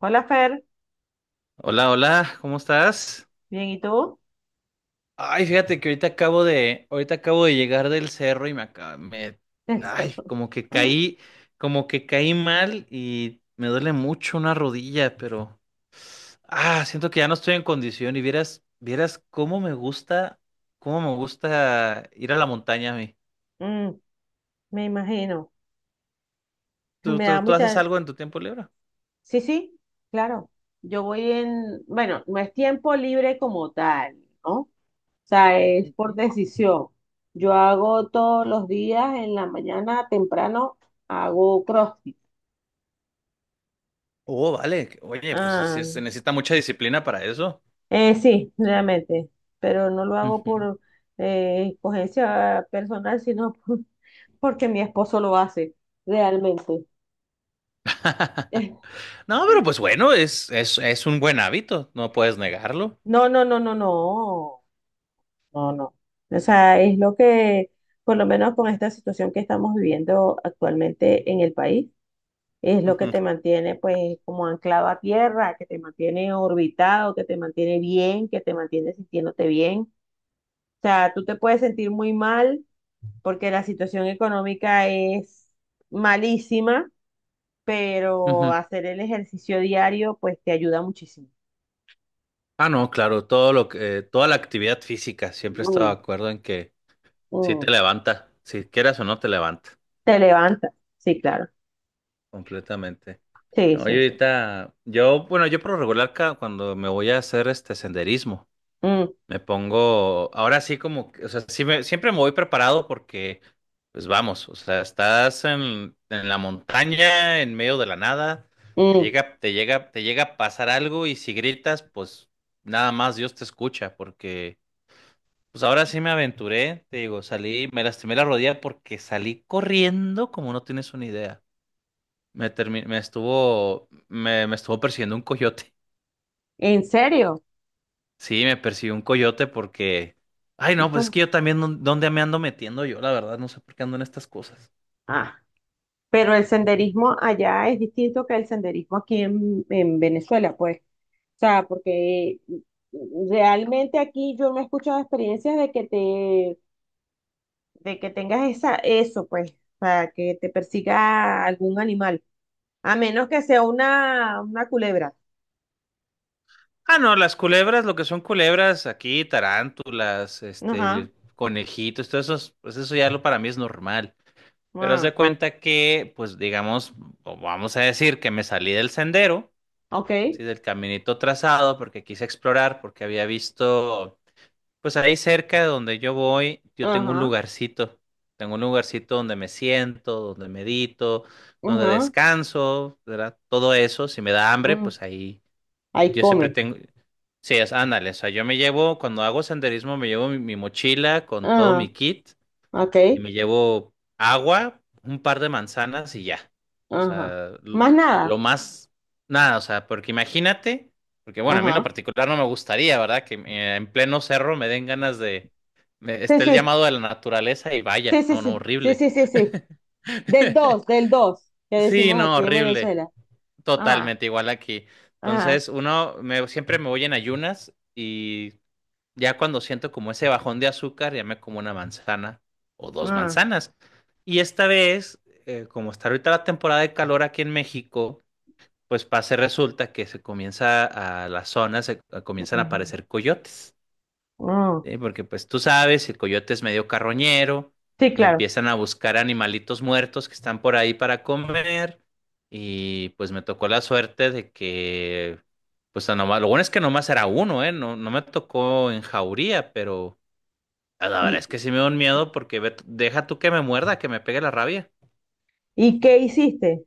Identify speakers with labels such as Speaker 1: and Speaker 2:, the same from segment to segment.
Speaker 1: Hola Fer.
Speaker 2: Hola, hola, ¿cómo estás?
Speaker 1: Bien, ¿y tú?
Speaker 2: Ay, fíjate que ahorita acabo de llegar del cerro y
Speaker 1: El
Speaker 2: ay,
Speaker 1: cerro.
Speaker 2: como que caí mal y me duele mucho una rodilla, pero, ah, siento que ya no estoy en condición y vieras cómo me gusta ir a la montaña a mí.
Speaker 1: Mm. Me imagino.
Speaker 2: ¿Tú,
Speaker 1: Me da
Speaker 2: tú, tú haces
Speaker 1: mucha.
Speaker 2: algo en tu tiempo libre?
Speaker 1: Sí, sí, claro. Yo voy en, bueno, no es tiempo libre como tal, ¿no? O sea, es por
Speaker 2: Ujú.
Speaker 1: decisión. Yo hago todos los días en la mañana temprano, hago CrossFit.
Speaker 2: Oh, vale. Oye, pues sí, sí,
Speaker 1: Ah,
Speaker 2: se necesita mucha disciplina para eso.
Speaker 1: sí, realmente, pero no lo hago por escogencia personal, sino porque mi esposo lo hace, realmente.
Speaker 2: No, pero pues bueno, es un buen hábito, no puedes negarlo.
Speaker 1: No, no, no, no, no, no, no. O sea, es lo que, por lo menos con esta situación que estamos viviendo actualmente en el país, es lo que
Speaker 2: Ujú,
Speaker 1: te mantiene pues como anclado a tierra, que te mantiene orbitado, que te mantiene bien, que te mantiene sintiéndote bien. O sea, tú te puedes sentir muy mal porque la situación económica es malísima, pero
Speaker 2: ujú.
Speaker 1: hacer el ejercicio diario pues te ayuda muchísimo.
Speaker 2: Ah, no, claro, toda la actividad física, siempre he estado de
Speaker 1: Mm,
Speaker 2: acuerdo en que sí
Speaker 1: mm.
Speaker 2: te levanta, si quieras o no te levanta,
Speaker 1: Te levanta, sí, claro.
Speaker 2: completamente.
Speaker 1: Sí,
Speaker 2: No,
Speaker 1: sí,
Speaker 2: yo
Speaker 1: sí.
Speaker 2: ahorita, yo, bueno, yo por lo regular cuando me voy a hacer este senderismo.
Speaker 1: Mm,
Speaker 2: Me pongo, ahora sí como, o sea, siempre me voy preparado porque, pues vamos, o sea, estás en la montaña, en medio de la nada,
Speaker 1: mm.
Speaker 2: te llega a pasar algo y si gritas, pues nada más Dios te escucha porque, pues ahora sí me aventuré, te digo, salí, me lastimé la rodilla porque salí corriendo como no tienes una idea. Me me estuvo persiguiendo un coyote.
Speaker 1: ¿En serio?
Speaker 2: Sí, me persiguió un coyote porque. Ay,
Speaker 1: ¿Y
Speaker 2: no, pues es que
Speaker 1: cómo?
Speaker 2: yo también, ¿dónde me ando metiendo yo? La verdad, no sé por qué ando en estas cosas.
Speaker 1: Ah, pero el senderismo allá es distinto que el senderismo aquí en Venezuela, pues. O sea, porque realmente aquí yo no he escuchado experiencias de que te, de que tengas esa, eso, pues, para que te persiga algún animal. A menos que sea una culebra.
Speaker 2: Ah, no, las culebras, lo que son culebras aquí, tarántulas,
Speaker 1: Ajá.
Speaker 2: este, conejitos, todo eso, pues eso ya lo para mí es normal. Pero haz
Speaker 1: Ah,
Speaker 2: de cuenta que, pues digamos, o vamos a decir que me salí del sendero,
Speaker 1: ok.
Speaker 2: sí, del caminito trazado, porque quise explorar, porque había visto. Pues ahí cerca de donde yo voy, yo tengo un
Speaker 1: Ajá.
Speaker 2: lugarcito. Tengo un lugarcito donde me siento, donde medito, donde
Speaker 1: Ajá.
Speaker 2: descanso, ¿verdad? Todo eso, si me da hambre,
Speaker 1: Mm.
Speaker 2: pues ahí
Speaker 1: Ahí
Speaker 2: yo siempre
Speaker 1: come.
Speaker 2: tengo. Sí, es, ándale, o sea, yo me llevo, cuando hago senderismo, me llevo mi mochila con todo mi
Speaker 1: Ah,
Speaker 2: kit
Speaker 1: ok.
Speaker 2: y me llevo agua, un par de manzanas y ya. O
Speaker 1: Ajá.
Speaker 2: sea,
Speaker 1: Más nada.
Speaker 2: lo más, nada, o sea, porque imagínate, porque bueno, a mí en lo
Speaker 1: Ajá.
Speaker 2: particular no me gustaría, ¿verdad? Que en pleno cerro me den ganas de,
Speaker 1: Sí,
Speaker 2: esté el
Speaker 1: sí,
Speaker 2: llamado de la naturaleza y
Speaker 1: sí,
Speaker 2: vaya,
Speaker 1: sí,
Speaker 2: no, no,
Speaker 1: sí, sí,
Speaker 2: horrible.
Speaker 1: sí, sí, sí. Del 2 que
Speaker 2: Sí,
Speaker 1: decimos
Speaker 2: no,
Speaker 1: aquí en
Speaker 2: horrible.
Speaker 1: Venezuela. Ajá,
Speaker 2: Totalmente igual aquí.
Speaker 1: ajá.
Speaker 2: Entonces, siempre me voy en ayunas y ya cuando siento como ese bajón de azúcar, ya me como una manzana o dos
Speaker 1: Ah,
Speaker 2: manzanas. Y esta vez, como está ahorita la temporada de calor aquí en México, pues pasa y resulta que se comienza a las zonas, comienzan a
Speaker 1: ujú,
Speaker 2: aparecer coyotes,
Speaker 1: ah.
Speaker 2: ¿sí? Porque pues tú sabes, el coyote es medio carroñero
Speaker 1: Sí,
Speaker 2: y
Speaker 1: claro.
Speaker 2: empiezan a buscar animalitos muertos que están por ahí para comer. Y pues me tocó la suerte de que, pues lo bueno es que nomás era uno, ¿eh? No, no me tocó en jauría, pero ah, la verdad
Speaker 1: ¿Y,
Speaker 2: es que sí me da un miedo porque deja tú que me muerda, que me pegue la rabia.
Speaker 1: y qué hiciste?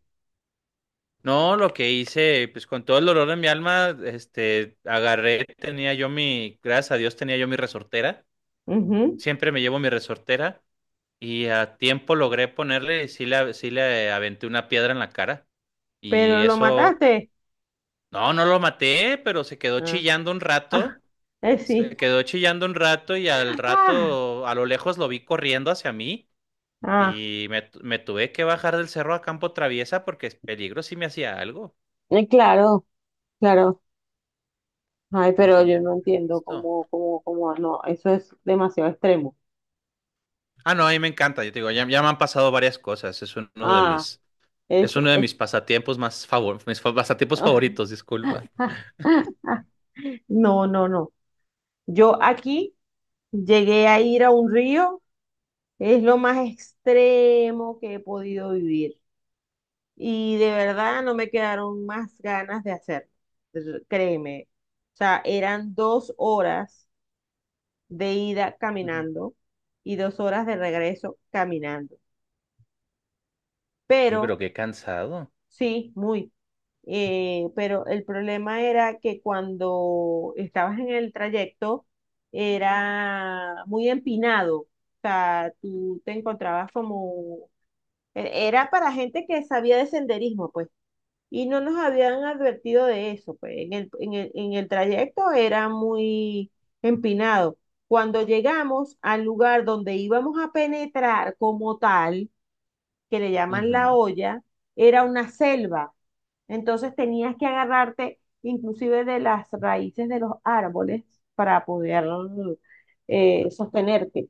Speaker 2: No, lo que hice, pues con todo el dolor de mi alma, este, agarré, gracias a Dios tenía yo mi resortera,
Speaker 1: Ujú.
Speaker 2: siempre me llevo mi resortera y a tiempo logré ponerle, y sí le aventé una piedra en la cara y
Speaker 1: Pero lo
Speaker 2: eso,
Speaker 1: mataste.
Speaker 2: no, no lo maté, pero se quedó
Speaker 1: Ah,
Speaker 2: chillando un
Speaker 1: ah,
Speaker 2: rato,
Speaker 1: sí.
Speaker 2: y al
Speaker 1: Ah,
Speaker 2: rato, a lo lejos lo vi corriendo hacia mí.
Speaker 1: ah.
Speaker 2: Y me, me tuve que bajar del cerro a campo traviesa porque es peligro si me hacía algo.
Speaker 1: Claro, claro. Ay,
Speaker 2: No
Speaker 1: pero
Speaker 2: tiene
Speaker 1: yo
Speaker 2: que
Speaker 1: no
Speaker 2: estar
Speaker 1: entiendo
Speaker 2: listo.
Speaker 1: cómo, no, eso es demasiado extremo.
Speaker 2: Ah, no, a mí me encanta. Yo te digo, ya me han pasado varias cosas.
Speaker 1: Ah, es,
Speaker 2: Es uno de
Speaker 1: es,
Speaker 2: mis pasatiempos más favor, mis fa- pasatiempos favoritos, disculpa.
Speaker 1: No, no, no. Yo aquí llegué a ir a un río, es lo más extremo que he podido vivir. Y de verdad no me quedaron más ganas de hacerlo. Créeme. O sea, eran 2 horas de ida
Speaker 2: Ujú.
Speaker 1: caminando y 2 horas de regreso caminando.
Speaker 2: Sí,
Speaker 1: Pero
Speaker 2: pero qué cansado.
Speaker 1: Sí, muy. Pero el problema era que cuando estabas en el trayecto era muy empinado. O sea, tú te encontrabas como. Era para gente que sabía de senderismo, pues. Y no nos habían advertido de eso, pues. En el trayecto era muy empinado. Cuando llegamos al lugar donde íbamos a penetrar como tal, que le llaman la
Speaker 2: Ujú.
Speaker 1: olla, era una selva. Entonces tenías que agarrarte inclusive de las raíces de los árboles para poder sostenerte.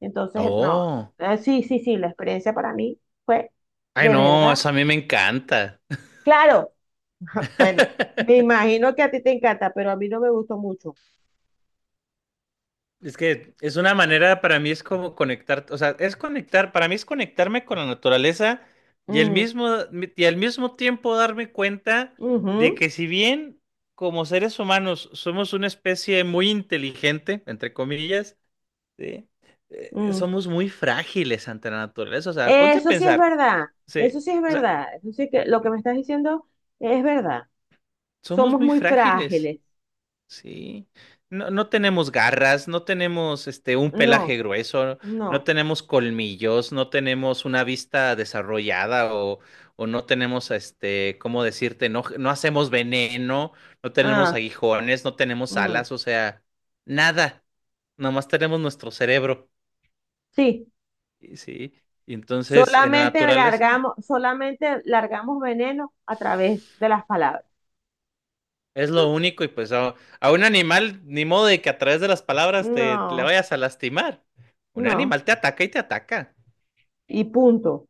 Speaker 1: Entonces, no,
Speaker 2: Oh.
Speaker 1: sí, sí, sí, la experiencia para mí fue
Speaker 2: Ay,
Speaker 1: de
Speaker 2: no,
Speaker 1: verdad.
Speaker 2: eso a mí me encanta.
Speaker 1: Claro, bueno, me imagino que a ti te encanta, pero a mí no me gustó mucho.
Speaker 2: Es que es una manera, para mí es como conectar, o sea, es conectar, para mí es conectarme con la naturaleza y
Speaker 1: Mm,
Speaker 2: y al mismo tiempo darme cuenta de
Speaker 1: ujú,
Speaker 2: que si bien como seres humanos somos una especie muy inteligente, entre comillas, ¿sí?
Speaker 1: mm.
Speaker 2: Somos muy frágiles ante la naturaleza. O sea, ponte a
Speaker 1: Eso sí es
Speaker 2: pensar,
Speaker 1: verdad, eso
Speaker 2: sí,
Speaker 1: sí es
Speaker 2: o sea,
Speaker 1: verdad, eso sí que lo que me estás diciendo es verdad.
Speaker 2: somos
Speaker 1: Somos
Speaker 2: muy
Speaker 1: muy
Speaker 2: frágiles.
Speaker 1: frágiles.
Speaker 2: Sí, no, no tenemos garras, no tenemos este un pelaje
Speaker 1: No,
Speaker 2: grueso, no
Speaker 1: no.
Speaker 2: tenemos colmillos, no tenemos una vista desarrollada o no tenemos este, ¿cómo decirte? No, no hacemos veneno, no tenemos
Speaker 1: Ah,
Speaker 2: aguijones, no tenemos
Speaker 1: mm,
Speaker 2: alas, o sea, nada. Nomás tenemos nuestro cerebro.
Speaker 1: sí.
Speaker 2: Y sí. Y entonces, en la
Speaker 1: Solamente
Speaker 2: naturaleza.
Speaker 1: largamos, solamente largamos veneno a través de las palabras.
Speaker 2: Es lo único y pues a un animal, ni modo de que a través de las palabras te le
Speaker 1: No,
Speaker 2: vayas a lastimar. Un
Speaker 1: no.
Speaker 2: animal te ataca.
Speaker 1: Y punto.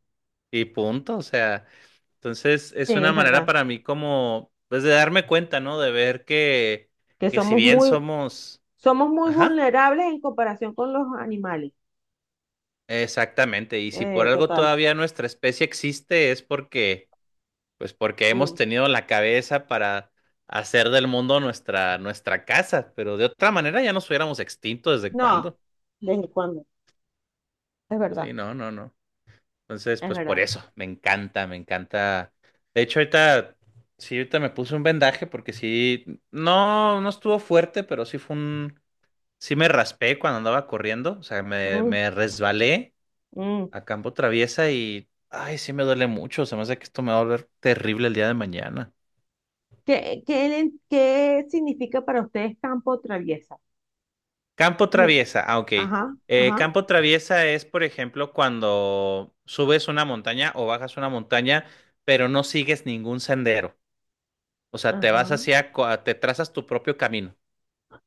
Speaker 2: Y punto, o sea. Entonces
Speaker 1: Sí,
Speaker 2: es una
Speaker 1: es
Speaker 2: manera
Speaker 1: verdad.
Speaker 2: para mí como, pues de darme cuenta, ¿no? De ver
Speaker 1: Que
Speaker 2: que si
Speaker 1: somos
Speaker 2: bien
Speaker 1: muy,
Speaker 2: somos.
Speaker 1: somos muy
Speaker 2: Ajá,
Speaker 1: vulnerables en comparación con los animales.
Speaker 2: exactamente. Y si por algo
Speaker 1: Total.
Speaker 2: todavía nuestra especie existe es porque, pues porque hemos
Speaker 1: Mm.
Speaker 2: tenido la cabeza para hacer del mundo nuestra casa. Pero de otra manera ya nos hubiéramos extinto desde
Speaker 1: No,
Speaker 2: cuándo.
Speaker 1: ¿desde cuándo? Es verdad,
Speaker 2: Sí, no, no, no. Entonces,
Speaker 1: es
Speaker 2: pues por
Speaker 1: verdad.
Speaker 2: eso, me encanta, me encanta. De hecho, ahorita, sí, ahorita me puse un vendaje porque sí, no, no estuvo fuerte, pero sí fue un, sí me raspé cuando andaba corriendo, o sea,
Speaker 1: Mm,
Speaker 2: me resbalé
Speaker 1: mm.
Speaker 2: a campo traviesa y, ay, sí me duele mucho, se me hace que esto me va a volver terrible el día de mañana.
Speaker 1: ¿Qué significa para ustedes campo traviesa?
Speaker 2: Campo
Speaker 1: Me
Speaker 2: traviesa, ah, ok.
Speaker 1: Ajá, ajá,
Speaker 2: Campo traviesa es, por ejemplo, cuando subes una montaña o bajas una montaña, pero no sigues ningún sendero. O sea, te vas
Speaker 1: ajá.
Speaker 2: hacia, te trazas tu propio camino,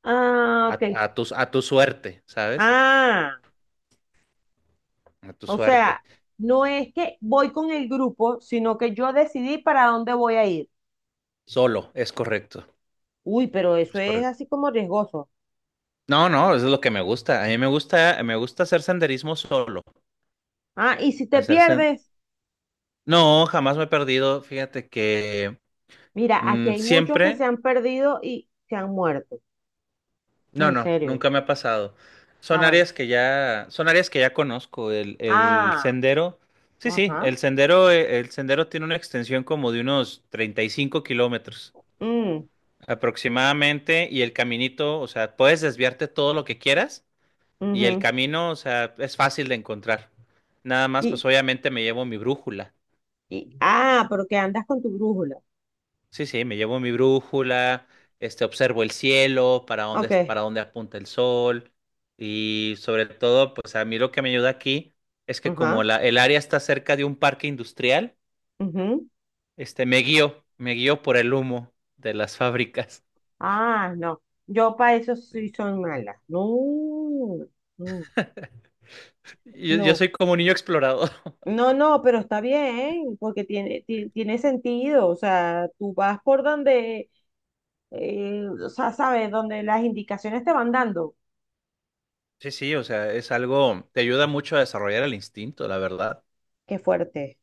Speaker 1: Ah,
Speaker 2: a,
Speaker 1: ok.
Speaker 2: a tu suerte, ¿sabes?
Speaker 1: Ah,
Speaker 2: A tu
Speaker 1: o
Speaker 2: suerte.
Speaker 1: sea, no es que voy con el grupo, sino que yo decidí para dónde voy a ir.
Speaker 2: Solo, es correcto,
Speaker 1: Uy, pero eso
Speaker 2: es
Speaker 1: es
Speaker 2: correcto.
Speaker 1: así como riesgoso.
Speaker 2: No, no, eso es lo que me gusta. A mí me gusta hacer senderismo solo.
Speaker 1: Ah, y si te
Speaker 2: Hacer sen-
Speaker 1: pierdes,
Speaker 2: No, jamás me he perdido. Fíjate que
Speaker 1: mira, aquí
Speaker 2: mm,
Speaker 1: hay muchos que se
Speaker 2: siempre,
Speaker 1: han perdido y se han muerto.
Speaker 2: no,
Speaker 1: En
Speaker 2: no,
Speaker 1: serio.
Speaker 2: nunca me ha pasado.
Speaker 1: Ah,
Speaker 2: Son
Speaker 1: bueno.
Speaker 2: áreas que ya, son áreas que ya conozco. El
Speaker 1: Ah,
Speaker 2: sendero, sí, sí,
Speaker 1: ajá.
Speaker 2: el sendero tiene una extensión como de unos 35 kilómetros
Speaker 1: Mm,
Speaker 2: aproximadamente y el caminito, o sea, puedes desviarte todo lo que quieras y el
Speaker 1: ujú.
Speaker 2: camino, o sea, es fácil de encontrar. Nada más,
Speaker 1: Y,
Speaker 2: pues obviamente me llevo mi brújula.
Speaker 1: ah, pero que andas con tu brújula.
Speaker 2: Sí, sí, me llevo mi brújula, este, observo el cielo,
Speaker 1: Ok,
Speaker 2: para dónde apunta el sol y sobre todo, pues a mí lo que me ayuda aquí es que como
Speaker 1: ajá,
Speaker 2: el área está cerca de un parque industrial,
Speaker 1: ujú.
Speaker 2: este, me guío por el humo de las fábricas.
Speaker 1: Ah, no. Yo para eso sí soy mala. No, no,
Speaker 2: Yo
Speaker 1: no.
Speaker 2: soy como un niño explorador.
Speaker 1: No, no, pero está bien, porque tiene sentido. O sea, tú vas por donde, o sea, sabes, donde las indicaciones te van dando.
Speaker 2: Sí, sí, o sea, es algo, te ayuda mucho a desarrollar el instinto, la verdad.
Speaker 1: Qué fuerte.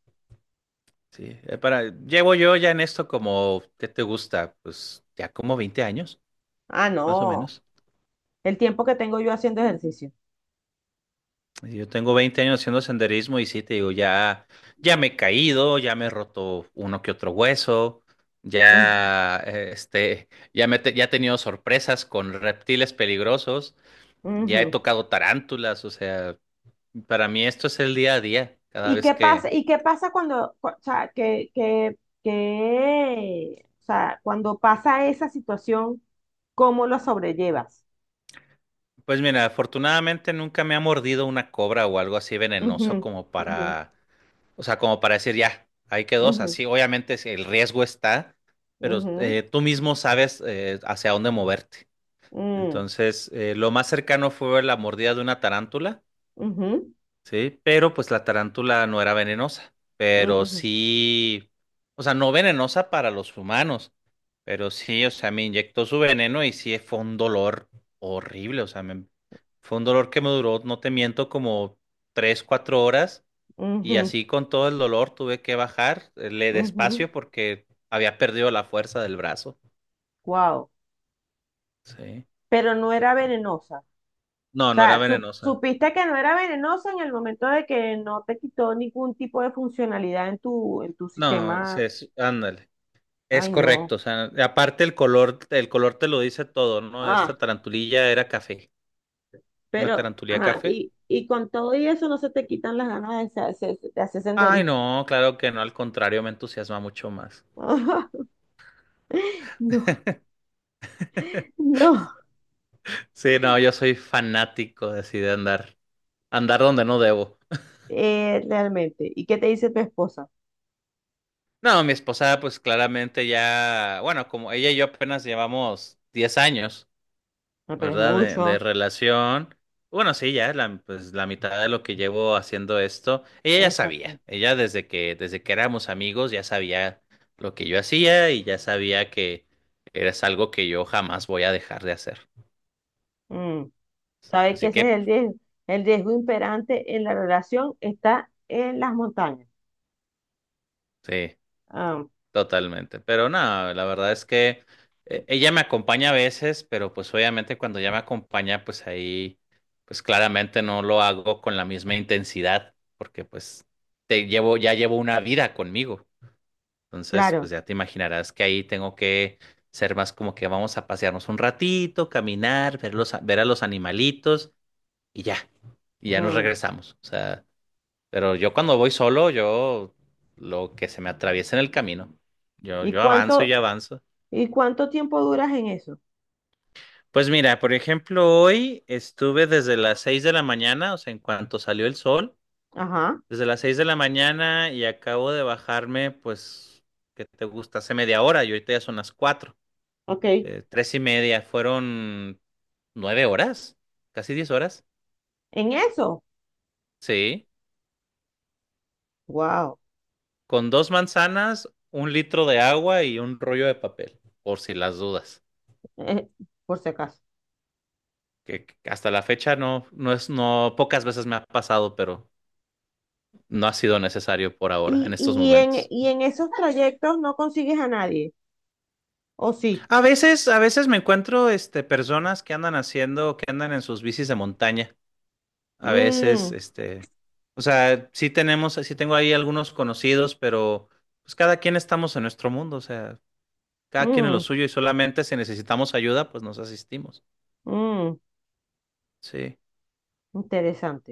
Speaker 2: Sí, para, llevo yo ya en esto como, ¿qué te gusta? Pues ya como 20 años,
Speaker 1: Ah,
Speaker 2: más o
Speaker 1: no.
Speaker 2: menos.
Speaker 1: El tiempo que tengo yo haciendo ejercicio.
Speaker 2: Y yo tengo 20 años haciendo senderismo y sí, te digo, ya, ya me he caído, ya me he roto uno que otro hueso,
Speaker 1: Ujú,
Speaker 2: ya, este, ya me, ya he tenido sorpresas con reptiles peligrosos, ya he
Speaker 1: ujú.
Speaker 2: tocado tarántulas, o sea, para mí esto es el día a día, cada
Speaker 1: ¿Y
Speaker 2: vez
Speaker 1: qué pasa?
Speaker 2: que
Speaker 1: ¿Y qué pasa o sea, o sea, cuando pasa esa situación? ¿Cómo lo sobrellevas?
Speaker 2: pues mira, afortunadamente nunca me ha mordido una cobra o algo así
Speaker 1: Ujú,
Speaker 2: venenoso como
Speaker 1: ujú,
Speaker 2: para, o sea, como para decir ya, ahí quedó, o sea,
Speaker 1: ujú,
Speaker 2: sí, obviamente sí, el riesgo está, pero
Speaker 1: ujú,
Speaker 2: tú mismo sabes hacia dónde moverte.
Speaker 1: mm,
Speaker 2: Entonces, lo más cercano fue la mordida de una tarántula.
Speaker 1: ujú,
Speaker 2: Sí, pero pues la tarántula no era venenosa, pero
Speaker 1: ujú,
Speaker 2: sí, o sea, no venenosa para los humanos, pero sí, o sea, me inyectó su veneno y sí fue un dolor horrible, o sea, fue un dolor que me duró, no te miento, como 3, 4 horas y
Speaker 1: ujú,
Speaker 2: así con todo el dolor tuve que bajar, le
Speaker 1: ujú.
Speaker 2: despacio porque había perdido la fuerza del brazo.
Speaker 1: Wow.
Speaker 2: Sí.
Speaker 1: Pero no era venenosa. O
Speaker 2: No, no era
Speaker 1: sea, sup-
Speaker 2: venenosa.
Speaker 1: supiste que no era venenosa en el momento de que no te quitó ningún tipo de funcionalidad en tu
Speaker 2: No,
Speaker 1: sistema.
Speaker 2: se, ándale. Es
Speaker 1: Ay, no.
Speaker 2: correcto, o sea, aparte el color te lo dice todo, ¿no?
Speaker 1: Ah,
Speaker 2: Esta tarantulilla era café, una
Speaker 1: pero,
Speaker 2: tarantulilla
Speaker 1: ajá,
Speaker 2: café.
Speaker 1: y con todo y eso no se te quitan las ganas de, de hacer
Speaker 2: Ay,
Speaker 1: senderismo.
Speaker 2: no, claro que no, al contrario, me entusiasma mucho más.
Speaker 1: No, no.
Speaker 2: Sí, no, yo soy fanático de así de andar, andar donde no debo.
Speaker 1: Realmente. ¿Y qué te dice tu esposa?
Speaker 2: No, mi esposa, pues claramente ya, bueno, como ella y yo apenas llevamos 10 años.
Speaker 1: No, pero es
Speaker 2: ¿Verdad? De
Speaker 1: mucho.
Speaker 2: relación. Bueno, sí, ya la, pues, la mitad de lo que llevo haciendo esto, ella ya
Speaker 1: Exacto.
Speaker 2: sabía, ella desde que éramos amigos ya sabía lo que yo hacía y ya sabía que es algo que yo jamás voy a dejar de hacer.
Speaker 1: Mm. ¿Sabe que
Speaker 2: Así
Speaker 1: ese es
Speaker 2: que,
Speaker 1: el riesgo? El riesgo imperante en la relación está en las montañas.
Speaker 2: sí,
Speaker 1: Ah,
Speaker 2: totalmente. Pero no, la verdad es que ella me acompaña a veces, pero pues obviamente cuando ella me acompaña, pues ahí, pues claramente no lo hago con la misma intensidad, porque pues te llevo, ya llevo una vida conmigo. Entonces,
Speaker 1: claro.
Speaker 2: pues ya te imaginarás que ahí tengo que ser más como que vamos a pasearnos un ratito, caminar, ver los, ver a los animalitos y ya, y ya nos
Speaker 1: Mm.
Speaker 2: regresamos. O sea, pero yo cuando voy solo, yo lo que se me atraviesa en el camino,
Speaker 1: ¿Y
Speaker 2: yo avanzo y
Speaker 1: cuánto,
Speaker 2: avanzo.
Speaker 1: y cuánto tiempo duras en eso?
Speaker 2: Pues mira, por ejemplo, hoy estuve desde las 6 de la mañana, o sea, en cuanto salió el sol,
Speaker 1: Ajá,
Speaker 2: desde las 6 de la mañana y acabo de bajarme, pues, ¿qué te gusta? Hace media hora y ahorita ya son las cuatro.
Speaker 1: ok.
Speaker 2: 3:30, fueron 9 horas, casi 10 horas.
Speaker 1: ¿En eso?
Speaker 2: Sí,
Speaker 1: Wow,
Speaker 2: con dos manzanas, 1 litro de agua y un rollo de papel, por si las dudas.
Speaker 1: por si acaso.
Speaker 2: Que hasta la fecha no, no es, no, pocas veces me ha pasado, pero no ha sido necesario por ahora,
Speaker 1: ¿Y,
Speaker 2: en estos
Speaker 1: y en,
Speaker 2: momentos.
Speaker 1: y en esos trayectos no consigues a nadie? ¿O sí?
Speaker 2: A veces me encuentro, este, personas que andan haciendo, que andan en sus bicis de montaña. A veces,
Speaker 1: Mm,
Speaker 2: este, o sea, sí tenemos, sí tengo ahí algunos conocidos, pero pues cada quien estamos en nuestro mundo, o sea, cada quien en lo
Speaker 1: mm,
Speaker 2: suyo y solamente si necesitamos ayuda, pues nos asistimos.
Speaker 1: mm.
Speaker 2: Sí,
Speaker 1: Interesante,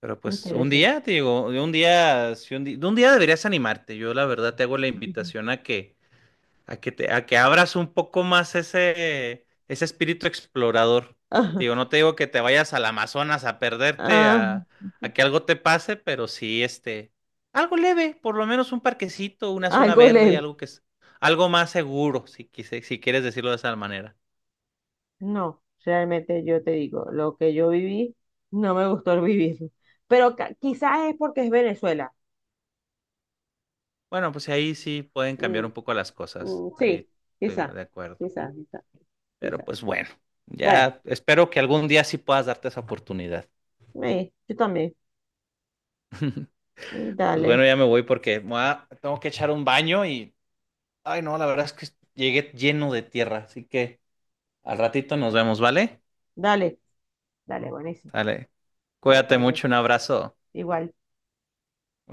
Speaker 2: pero pues un
Speaker 1: interesante.
Speaker 2: día, te digo, de un día, si un di- de un día deberías animarte. Yo la verdad te hago la
Speaker 1: Ujú.
Speaker 2: invitación a que a que te, a que abras un poco más ese, ese espíritu explorador. Digo, no te digo que te vayas al Amazonas a perderte,
Speaker 1: Ah,
Speaker 2: a que algo te pase, pero sí, este, algo leve, por lo menos un parquecito, una
Speaker 1: ah,
Speaker 2: zona
Speaker 1: algo
Speaker 2: verde,
Speaker 1: leve.
Speaker 2: algo que es, algo más seguro, si, si quieres decirlo de esa manera.
Speaker 1: No, realmente yo te digo, lo que yo viví, no me gustó el vivir. Pero quizás es porque es Venezuela.
Speaker 2: Bueno, pues ahí sí pueden cambiar
Speaker 1: Mm,
Speaker 2: un poco las cosas.
Speaker 1: mm,
Speaker 2: Ahí
Speaker 1: sí,
Speaker 2: estoy
Speaker 1: quizá,
Speaker 2: de acuerdo.
Speaker 1: quizá, quizá,
Speaker 2: Pero
Speaker 1: quizá.
Speaker 2: pues bueno,
Speaker 1: Bueno,
Speaker 2: ya espero que algún día sí puedas darte esa oportunidad.
Speaker 1: sí, yo también.
Speaker 2: Pues bueno,
Speaker 1: Dale,
Speaker 2: ya me voy porque tengo que echar un baño y ay, no, la verdad es que llegué lleno de tierra, así que al ratito nos vemos, ¿vale?
Speaker 1: dale, dale, buenísimo.
Speaker 2: Sale.
Speaker 1: Dale,
Speaker 2: Cuídate
Speaker 1: pues,
Speaker 2: mucho, un abrazo.
Speaker 1: igual.
Speaker 2: Bye.